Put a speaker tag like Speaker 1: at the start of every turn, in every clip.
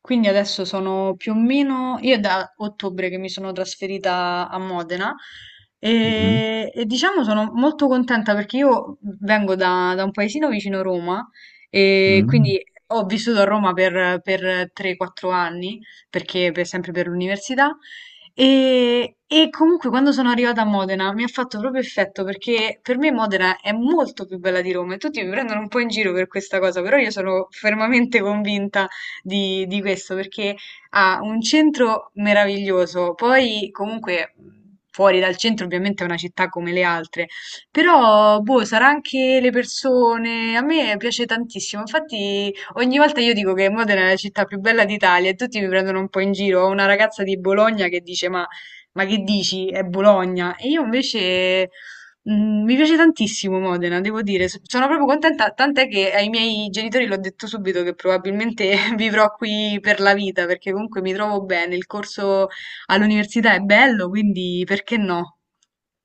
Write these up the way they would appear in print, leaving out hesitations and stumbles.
Speaker 1: Quindi adesso sono più o meno, io è da ottobre che mi sono trasferita a Modena
Speaker 2: Mhm,
Speaker 1: e diciamo sono molto contenta perché io vengo da un paesino vicino Roma e
Speaker 2: mhm.
Speaker 1: quindi ho vissuto a Roma per 3-4 anni, perché sempre per l'università. E comunque quando sono arrivata a Modena mi ha fatto proprio effetto perché per me Modena è molto più bella di Roma e tutti mi prendono un po' in giro per questa cosa, però io sono fermamente convinta di questo perché ha un centro meraviglioso, poi comunque fuori dal centro ovviamente è una città come le altre, però boh, sarà anche le persone, a me piace tantissimo. Infatti ogni volta io dico che Modena è la città più bella d'Italia e tutti mi prendono un po' in giro. Ho una ragazza di Bologna che dice ma... Ma che dici? È Bologna? E io invece mm, mi piace tantissimo Modena, devo dire, sono proprio contenta, tant'è che ai miei genitori l'ho detto subito che probabilmente vivrò qui per la vita, perché comunque mi trovo bene, il corso all'università è bello, quindi perché no?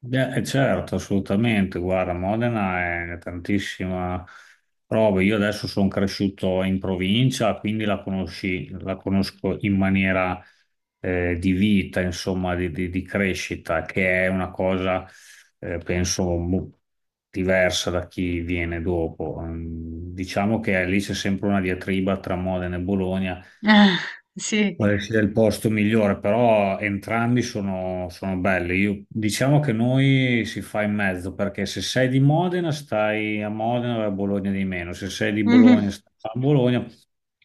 Speaker 2: Certo, assolutamente. Guarda, Modena è tantissima roba. Io adesso sono cresciuto in provincia, quindi la conosco in maniera di vita, insomma, di crescita, che è una cosa, penso, diversa da chi viene dopo. Mm, Diciamo che lì c'è sempre una diatriba tra Modena e Bologna.
Speaker 1: Ah, sì.
Speaker 2: Quale sia il posto migliore, però entrambi sono belli. Io, diciamo che noi si fa in mezzo, perché se sei di Modena stai a Modena e a Bologna di meno, se sei di
Speaker 1: Mhm.
Speaker 2: Bologna stai a Bologna,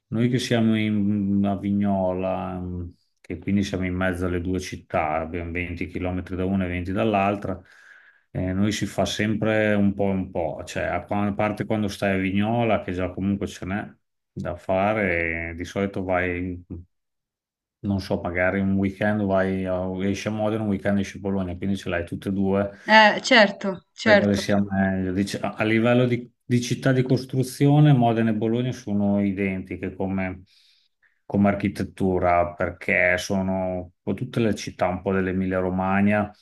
Speaker 2: noi che siamo in a Vignola, mm, che quindi siamo in mezzo alle due città, abbiamo 20 km da una e 20 dall'altra. Noi si fa sempre un po' e un po', cioè a parte quando stai a Vignola, che già comunque ce n'è da fare. Di solito vai, non so, magari un weekend vai, esci a Modena, un weekend esci a Bologna, quindi ce l'hai tutte e due,
Speaker 1: Certo,
Speaker 2: per quale
Speaker 1: certo.
Speaker 2: sia meglio. A livello di città di costruzione, Modena e Bologna sono identiche come, come architettura, perché sono un po' tutte le città un po' dell'Emilia-Romagna,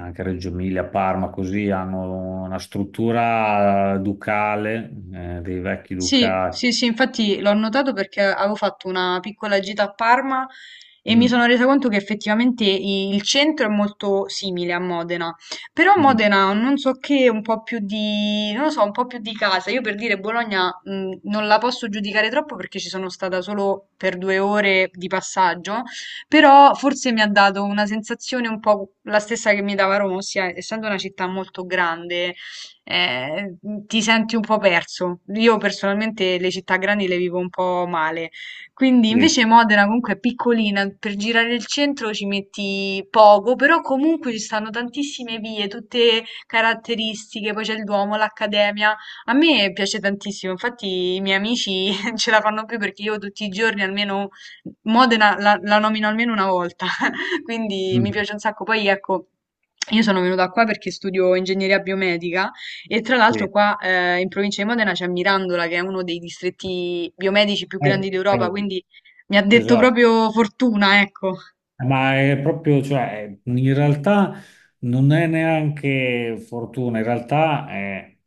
Speaker 2: anche Reggio Emilia, Parma, così hanno una struttura ducale, dei vecchi
Speaker 1: Sì,
Speaker 2: ducati.
Speaker 1: sì, sì, infatti l'ho notato perché avevo fatto una piccola gita a Parma e mi sono
Speaker 2: Mm,
Speaker 1: resa conto che effettivamente il centro è molto simile a Modena, però
Speaker 2: mm,
Speaker 1: Modena ha non so che, un po' più di, non lo so, un po' più di casa. Io per dire Bologna, non la posso giudicare troppo perché ci sono stata solo per due ore di passaggio, però forse mi ha dato una sensazione un po' la stessa che mi dava Roma, ossia essendo una città molto grande eh, ti senti un po' perso. Io personalmente le città grandi le vivo un po' male. Quindi
Speaker 2: sì,
Speaker 1: invece Modena comunque è piccolina, per girare il centro ci metti poco, però comunque ci stanno tantissime vie, tutte caratteristiche, poi c'è il Duomo, l'Accademia. A me piace tantissimo, infatti i miei amici ce la fanno più perché io tutti i giorni almeno Modena la nomino almeno una volta, quindi mi
Speaker 2: mm,
Speaker 1: piace un sacco. Poi ecco, io sono venuta qua perché studio ingegneria biomedica e tra l'altro
Speaker 2: sì.
Speaker 1: qua in provincia di Modena c'è Mirandola, che è uno dei distretti biomedici più grandi
Speaker 2: Eh,
Speaker 1: d'Europa,
Speaker 2: eh,
Speaker 1: quindi mi ha detto
Speaker 2: esatto.
Speaker 1: proprio fortuna, ecco.
Speaker 2: Ma è proprio, cioè, in realtà non è neanche fortuna, in realtà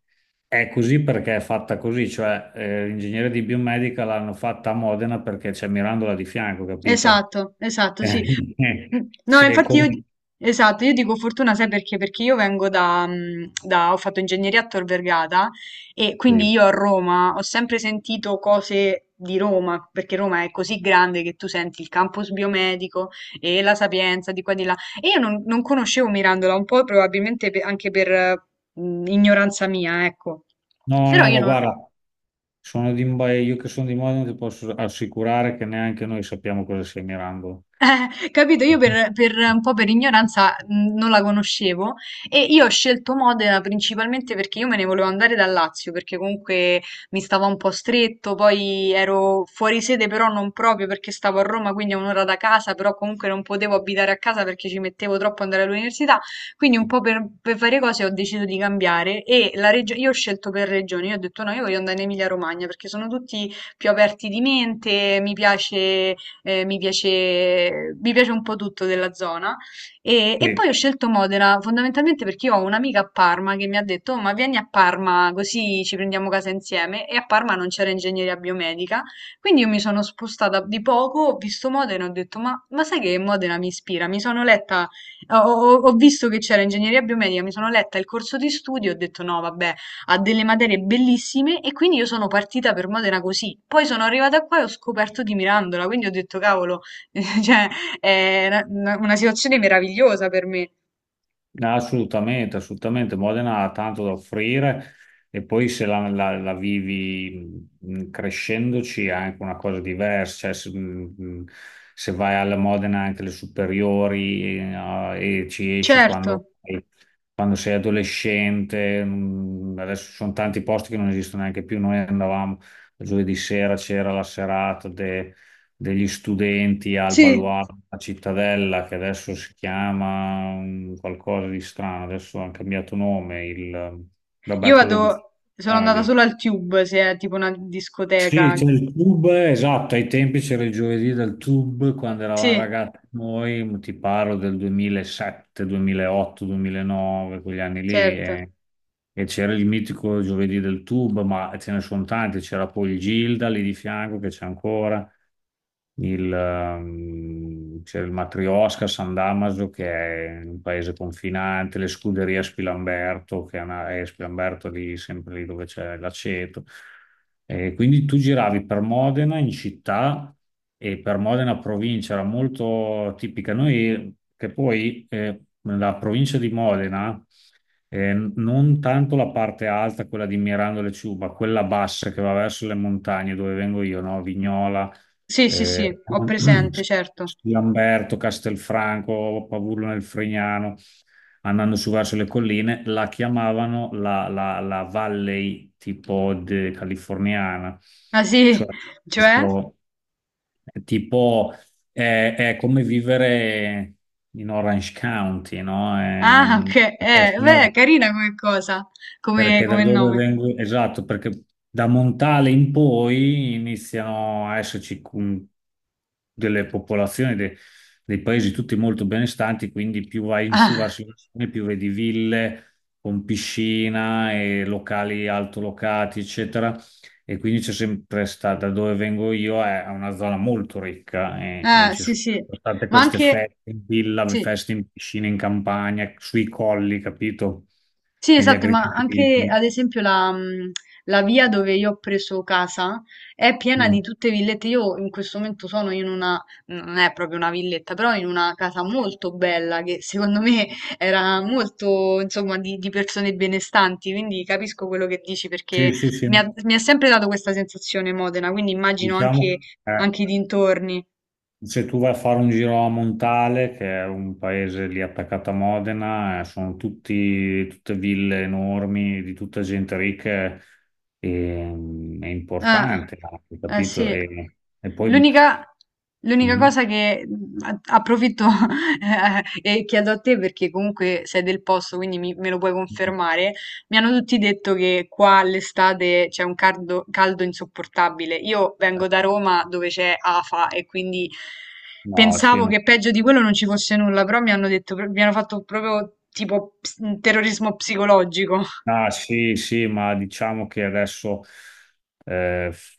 Speaker 2: è così perché è fatta così, cioè l'ingegneria di biomedica l'hanno fatta a Modena perché c'è Mirandola di fianco, capito?
Speaker 1: Esatto, esatto, sì.
Speaker 2: Eh,
Speaker 1: Mh. No,
Speaker 2: sì,
Speaker 1: infatti io di
Speaker 2: come...
Speaker 1: esatto, io dico fortuna sai perché? Perché io vengo da da ho fatto ingegneria a Tor Vergata e quindi
Speaker 2: Sì.
Speaker 1: io a Roma ho sempre sentito cose di Roma, perché Roma è così grande che tu senti il campus biomedico e la Sapienza di qua e di là. E io non conoscevo Mirandola, un po' probabilmente anche per, ignoranza mia, ecco.
Speaker 2: No,
Speaker 1: Però
Speaker 2: no,
Speaker 1: io
Speaker 2: ma
Speaker 1: non
Speaker 2: guarda, sono di, ma io che sono di Modena ti posso assicurare che neanche noi sappiamo cosa sia Mirambo.
Speaker 1: Capito? Io per un po' per ignoranza non la conoscevo e io ho scelto Modena principalmente perché io me ne volevo andare dal Lazio, perché comunque mi stava un po' stretto, poi ero fuori sede però non proprio perché stavo a Roma, quindi a un'ora da casa, però comunque non potevo abitare a casa perché ci mettevo troppo ad andare all'università, quindi un po' per varie cose ho deciso di cambiare e la io ho scelto per regione. Io ho detto no, io voglio andare in Emilia-Romagna perché sono tutti più aperti di mente, mi piace mi piace, mi piace un po' tutto della zona. E
Speaker 2: Sì.
Speaker 1: poi ho scelto Modena fondamentalmente perché io ho un'amica a Parma che mi ha detto: "Oh, ma vieni a Parma così ci prendiamo casa insieme. E a Parma non c'era ingegneria biomedica. Quindi io mi sono spostata di poco, ho visto Modena e ho detto: ma sai che Modena mi ispira? Mi sono letta, ho visto che c'era ingegneria biomedica, mi sono letta il corso di studio e ho detto: no, vabbè ha delle materie bellissime e quindi io sono partita per Modena così. Poi sono arrivata qua e ho scoperto di Mirandola, quindi ho detto cavolo, cioè è una situazione meravigliosa per me.
Speaker 2: Assolutamente, assolutamente. Modena ha tanto da offrire, e poi se la vivi crescendoci è anche una cosa diversa. Cioè, se, se vai alla Modena anche le superiori e ci esci
Speaker 1: Certo,
Speaker 2: quando sei adolescente, adesso ci sono tanti posti che non esistono neanche più. Noi andavamo giovedì sera, c'era la serata degli studenti al
Speaker 1: sì.
Speaker 2: baluardo, a Cittadella, che adesso si chiama mm, qualcosa di strano, adesso ha cambiato nome, il,
Speaker 1: Io
Speaker 2: vabbè, quello di
Speaker 1: vado, sono andata
Speaker 2: radio.
Speaker 1: solo al Tube, se è tipo una
Speaker 2: Sì,
Speaker 1: discoteca.
Speaker 2: c'è il tub, esatto, ai tempi c'era il giovedì del tub, quando eravamo
Speaker 1: Sì,
Speaker 2: ragazzi noi, ti parlo del 2007, 2008, 2009, quegli anni lì,
Speaker 1: certo.
Speaker 2: e c'era il mitico giovedì del tub, ma ce ne sono tanti, c'era poi il Gilda lì di fianco che c'è ancora il, c'è il Matrioska a San Damaso che è un paese confinante, le scuderie a Spilamberto, che è Spilamberto lì, sempre lì dove c'è l'aceto. E quindi tu giravi per Modena in città e per Modena provincia, era molto tipica. Noi, che poi la provincia di Modena, non tanto la parte alta, quella di Mirandole Ciuba, quella bassa che va verso le montagne dove vengo io, no? Vignola,
Speaker 1: Sì, sì,
Speaker 2: eh,
Speaker 1: sì, ho presente, certo.
Speaker 2: Lamberto, Castelfranco, Pavullo nel Fregnano, andando su verso le colline, la chiamavano la Valley tipo californiana,
Speaker 1: Ah sì,
Speaker 2: cioè
Speaker 1: cioè?
Speaker 2: tipo, tipo, è come vivere in Orange County, no?
Speaker 1: Ah, ok,
Speaker 2: Perché
Speaker 1: beh, è
Speaker 2: sono,
Speaker 1: carina come cosa,
Speaker 2: perché da
Speaker 1: come
Speaker 2: dove
Speaker 1: nome.
Speaker 2: vengo? Esatto, perché da Montale in poi iniziano a esserci delle popolazioni, dei paesi tutti molto benestanti, quindi più vai in su
Speaker 1: Ah,
Speaker 2: verso il mare, più vedi ville con piscina e locali altolocati, eccetera. E quindi c'è sempre stata, da dove vengo io, è una zona molto ricca, e
Speaker 1: ah,
Speaker 2: ci
Speaker 1: sì,
Speaker 2: sono
Speaker 1: sì.
Speaker 2: state
Speaker 1: Ma
Speaker 2: queste
Speaker 1: anche,
Speaker 2: feste in villa,
Speaker 1: sì,
Speaker 2: feste in piscina, in campagna, sui colli, capito?
Speaker 1: sì,
Speaker 2: Negli
Speaker 1: esatto, ma anche
Speaker 2: agriturismi.
Speaker 1: ad esempio la, la via dove io ho preso casa è piena
Speaker 2: Mm.
Speaker 1: di tutte villette. Io in questo momento sono in una, non è proprio una villetta, però in una casa molto bella che secondo me era molto, insomma, di persone benestanti, quindi capisco quello che dici
Speaker 2: Sì,
Speaker 1: perché
Speaker 2: sì, sì.
Speaker 1: mi ha sempre dato questa sensazione Modena, quindi immagino anche,
Speaker 2: Diciamo,
Speaker 1: anche i dintorni.
Speaker 2: se tu vai a fare un giro a Montale, che è un paese lì attaccato a Modena, sono tutti, tutte ville enormi, di tutta gente ricca e mm, è
Speaker 1: Ah,
Speaker 2: importante, anche,
Speaker 1: eh
Speaker 2: capito?
Speaker 1: sì.
Speaker 2: E poi...
Speaker 1: L'unica L'unica
Speaker 2: Mhm.
Speaker 1: cosa che approfitto e chiedo a te perché comunque sei del posto, quindi me lo puoi confermare. Mi hanno tutti detto che qua all'estate c'è un caldo, caldo insopportabile. Io vengo da Roma dove c'è afa e quindi
Speaker 2: No, sì,
Speaker 1: pensavo
Speaker 2: no.
Speaker 1: che peggio di quello non ci fosse nulla, però mi hanno detto, mi hanno fatto proprio tipo terrorismo psicologico.
Speaker 2: Ah, sì, sì, ma diciamo che adesso eh, f-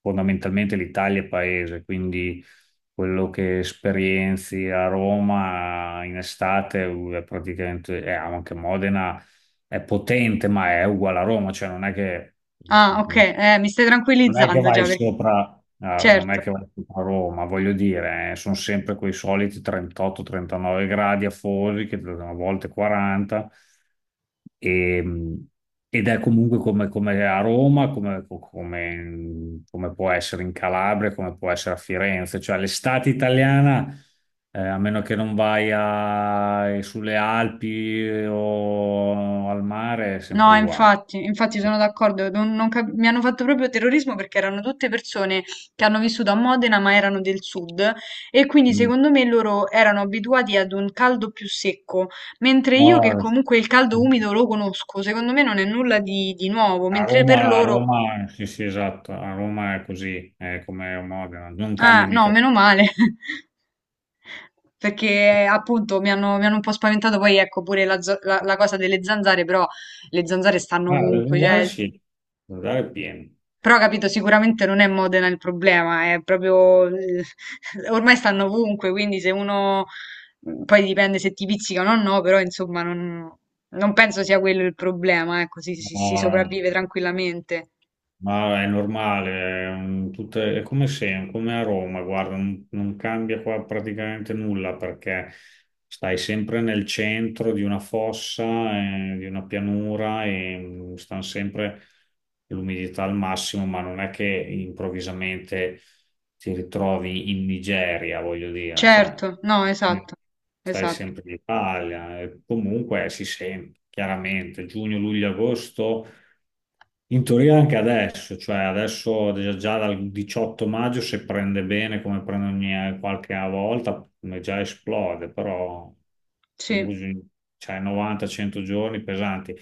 Speaker 2: fondamentalmente l'Italia è paese, quindi quello che esperienzi a Roma in estate è praticamente, e anche Modena è potente, ma è uguale a Roma, cioè non è che
Speaker 1: Ah,
Speaker 2: mm,
Speaker 1: ok,
Speaker 2: mm,
Speaker 1: mi stai
Speaker 2: non è che
Speaker 1: tranquillizzando
Speaker 2: vai
Speaker 1: già perché
Speaker 2: sopra, non è
Speaker 1: certo.
Speaker 2: che vai sopra Roma, voglio dire, sono sempre quei soliti 38-39 gradi afosi, che a volte 40, e, ed è comunque come, come a Roma, come, come può essere in Calabria, come può essere a Firenze, cioè l'estate italiana, a meno che non sulle Alpi o al mare, è sempre
Speaker 1: No,
Speaker 2: uguale.
Speaker 1: infatti, infatti sono d'accordo, non- non cap- mi hanno fatto proprio terrorismo perché erano tutte persone che hanno vissuto a Modena ma erano del sud e quindi
Speaker 2: Mm.
Speaker 1: secondo me loro erano abituati ad un caldo più secco, mentre io che
Speaker 2: No, eh.
Speaker 1: comunque il caldo umido lo conosco, secondo me non è nulla di nuovo, mentre per
Speaker 2: A
Speaker 1: loro...
Speaker 2: Roma, sì, sì, esatto, a Roma è così, è come a Modena, non
Speaker 1: Ah,
Speaker 2: cambia
Speaker 1: no,
Speaker 2: mica.
Speaker 1: meno male, perché appunto mi hanno un po' spaventato, poi ecco pure la, la cosa delle zanzare, però le zanzare stanno
Speaker 2: Ah, del
Speaker 1: ovunque,
Speaker 2: Lungare
Speaker 1: cioè
Speaker 2: sì, del Lungare è pieno.
Speaker 1: però capito, sicuramente non è Modena il problema, è proprio... ormai stanno ovunque, quindi se uno... mm, poi dipende se ti pizzicano o no, però insomma non penso sia quello il problema, ecco,
Speaker 2: No,
Speaker 1: si
Speaker 2: no.
Speaker 1: sopravvive tranquillamente.
Speaker 2: Ma è normale, è come se, come a Roma, guarda, non, non cambia qua praticamente nulla perché stai sempre nel centro di una fossa, di una pianura e mm, stanno sempre l'umidità al massimo, ma non è che improvvisamente ti ritrovi in Nigeria, voglio dire, cioè,
Speaker 1: Certo, no,
Speaker 2: eh,
Speaker 1: esatto,
Speaker 2: stai
Speaker 1: esatto,
Speaker 2: sempre in Italia, e comunque si sente chiaramente giugno, luglio, agosto. In teoria anche adesso, cioè adesso già dal 18 maggio se prende bene come prende ogni qualche volta come già esplode, però comunque
Speaker 1: sì,
Speaker 2: bisogna- cioè 90-100 giorni pesanti.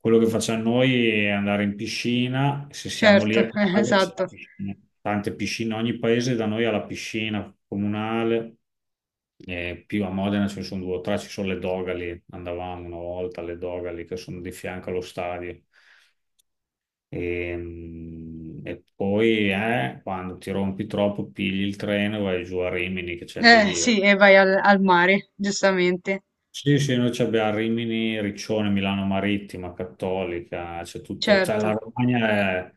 Speaker 2: Quello che facciamo noi è andare in piscina, se siamo lì a
Speaker 1: certo,
Speaker 2: caso c'è
Speaker 1: esatto.
Speaker 2: la piscina, tante piscine, ogni paese da noi ha la piscina comunale, e più a Modena ce ne sono due o tre, ci sono le Dogali, andavamo una volta alle Dogali che sono di fianco allo stadio. Ehm, Poi quando ti rompi troppo, pigli il treno e vai giù a Rimini, che c'è il
Speaker 1: Sì,
Speaker 2: delirio.
Speaker 1: e vai al mare, giustamente,
Speaker 2: Sì, sì, noi ci abbiamo Rimini, Riccione, Milano Marittima, Cattolica, c'è tutto, cioè la
Speaker 1: certo.
Speaker 2: Romagna è,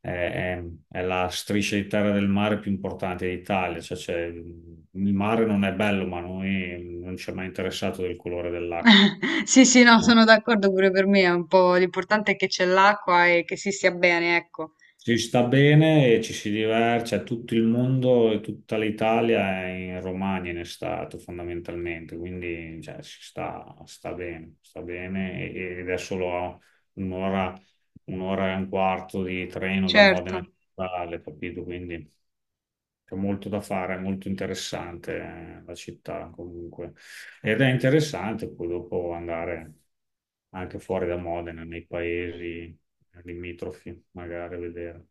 Speaker 2: è- è la striscia di terra del mare più importante d'Italia, cioè il mare non è bello, ma a noi non ci è mai interessato del colore dell'acqua.
Speaker 1: Sì, sì, no, sono d'accordo pure per me, è un po' l'importante è che c'è l'acqua e che si stia bene, ecco.
Speaker 2: Ci sta bene e ci si diverte, cioè tutto il mondo e tutta l'Italia è in Romagna in estate fondamentalmente, quindi cioè, si sta, sta bene ed è solo un'ora, un'ora e un quarto di treno da Modena
Speaker 1: Certo.
Speaker 2: a Natale, capito? Quindi c'è molto da fare, è molto interessante la città comunque. Ed è interessante poi dopo andare anche fuori da Modena, nei paesi limitrofi, magari a vedere.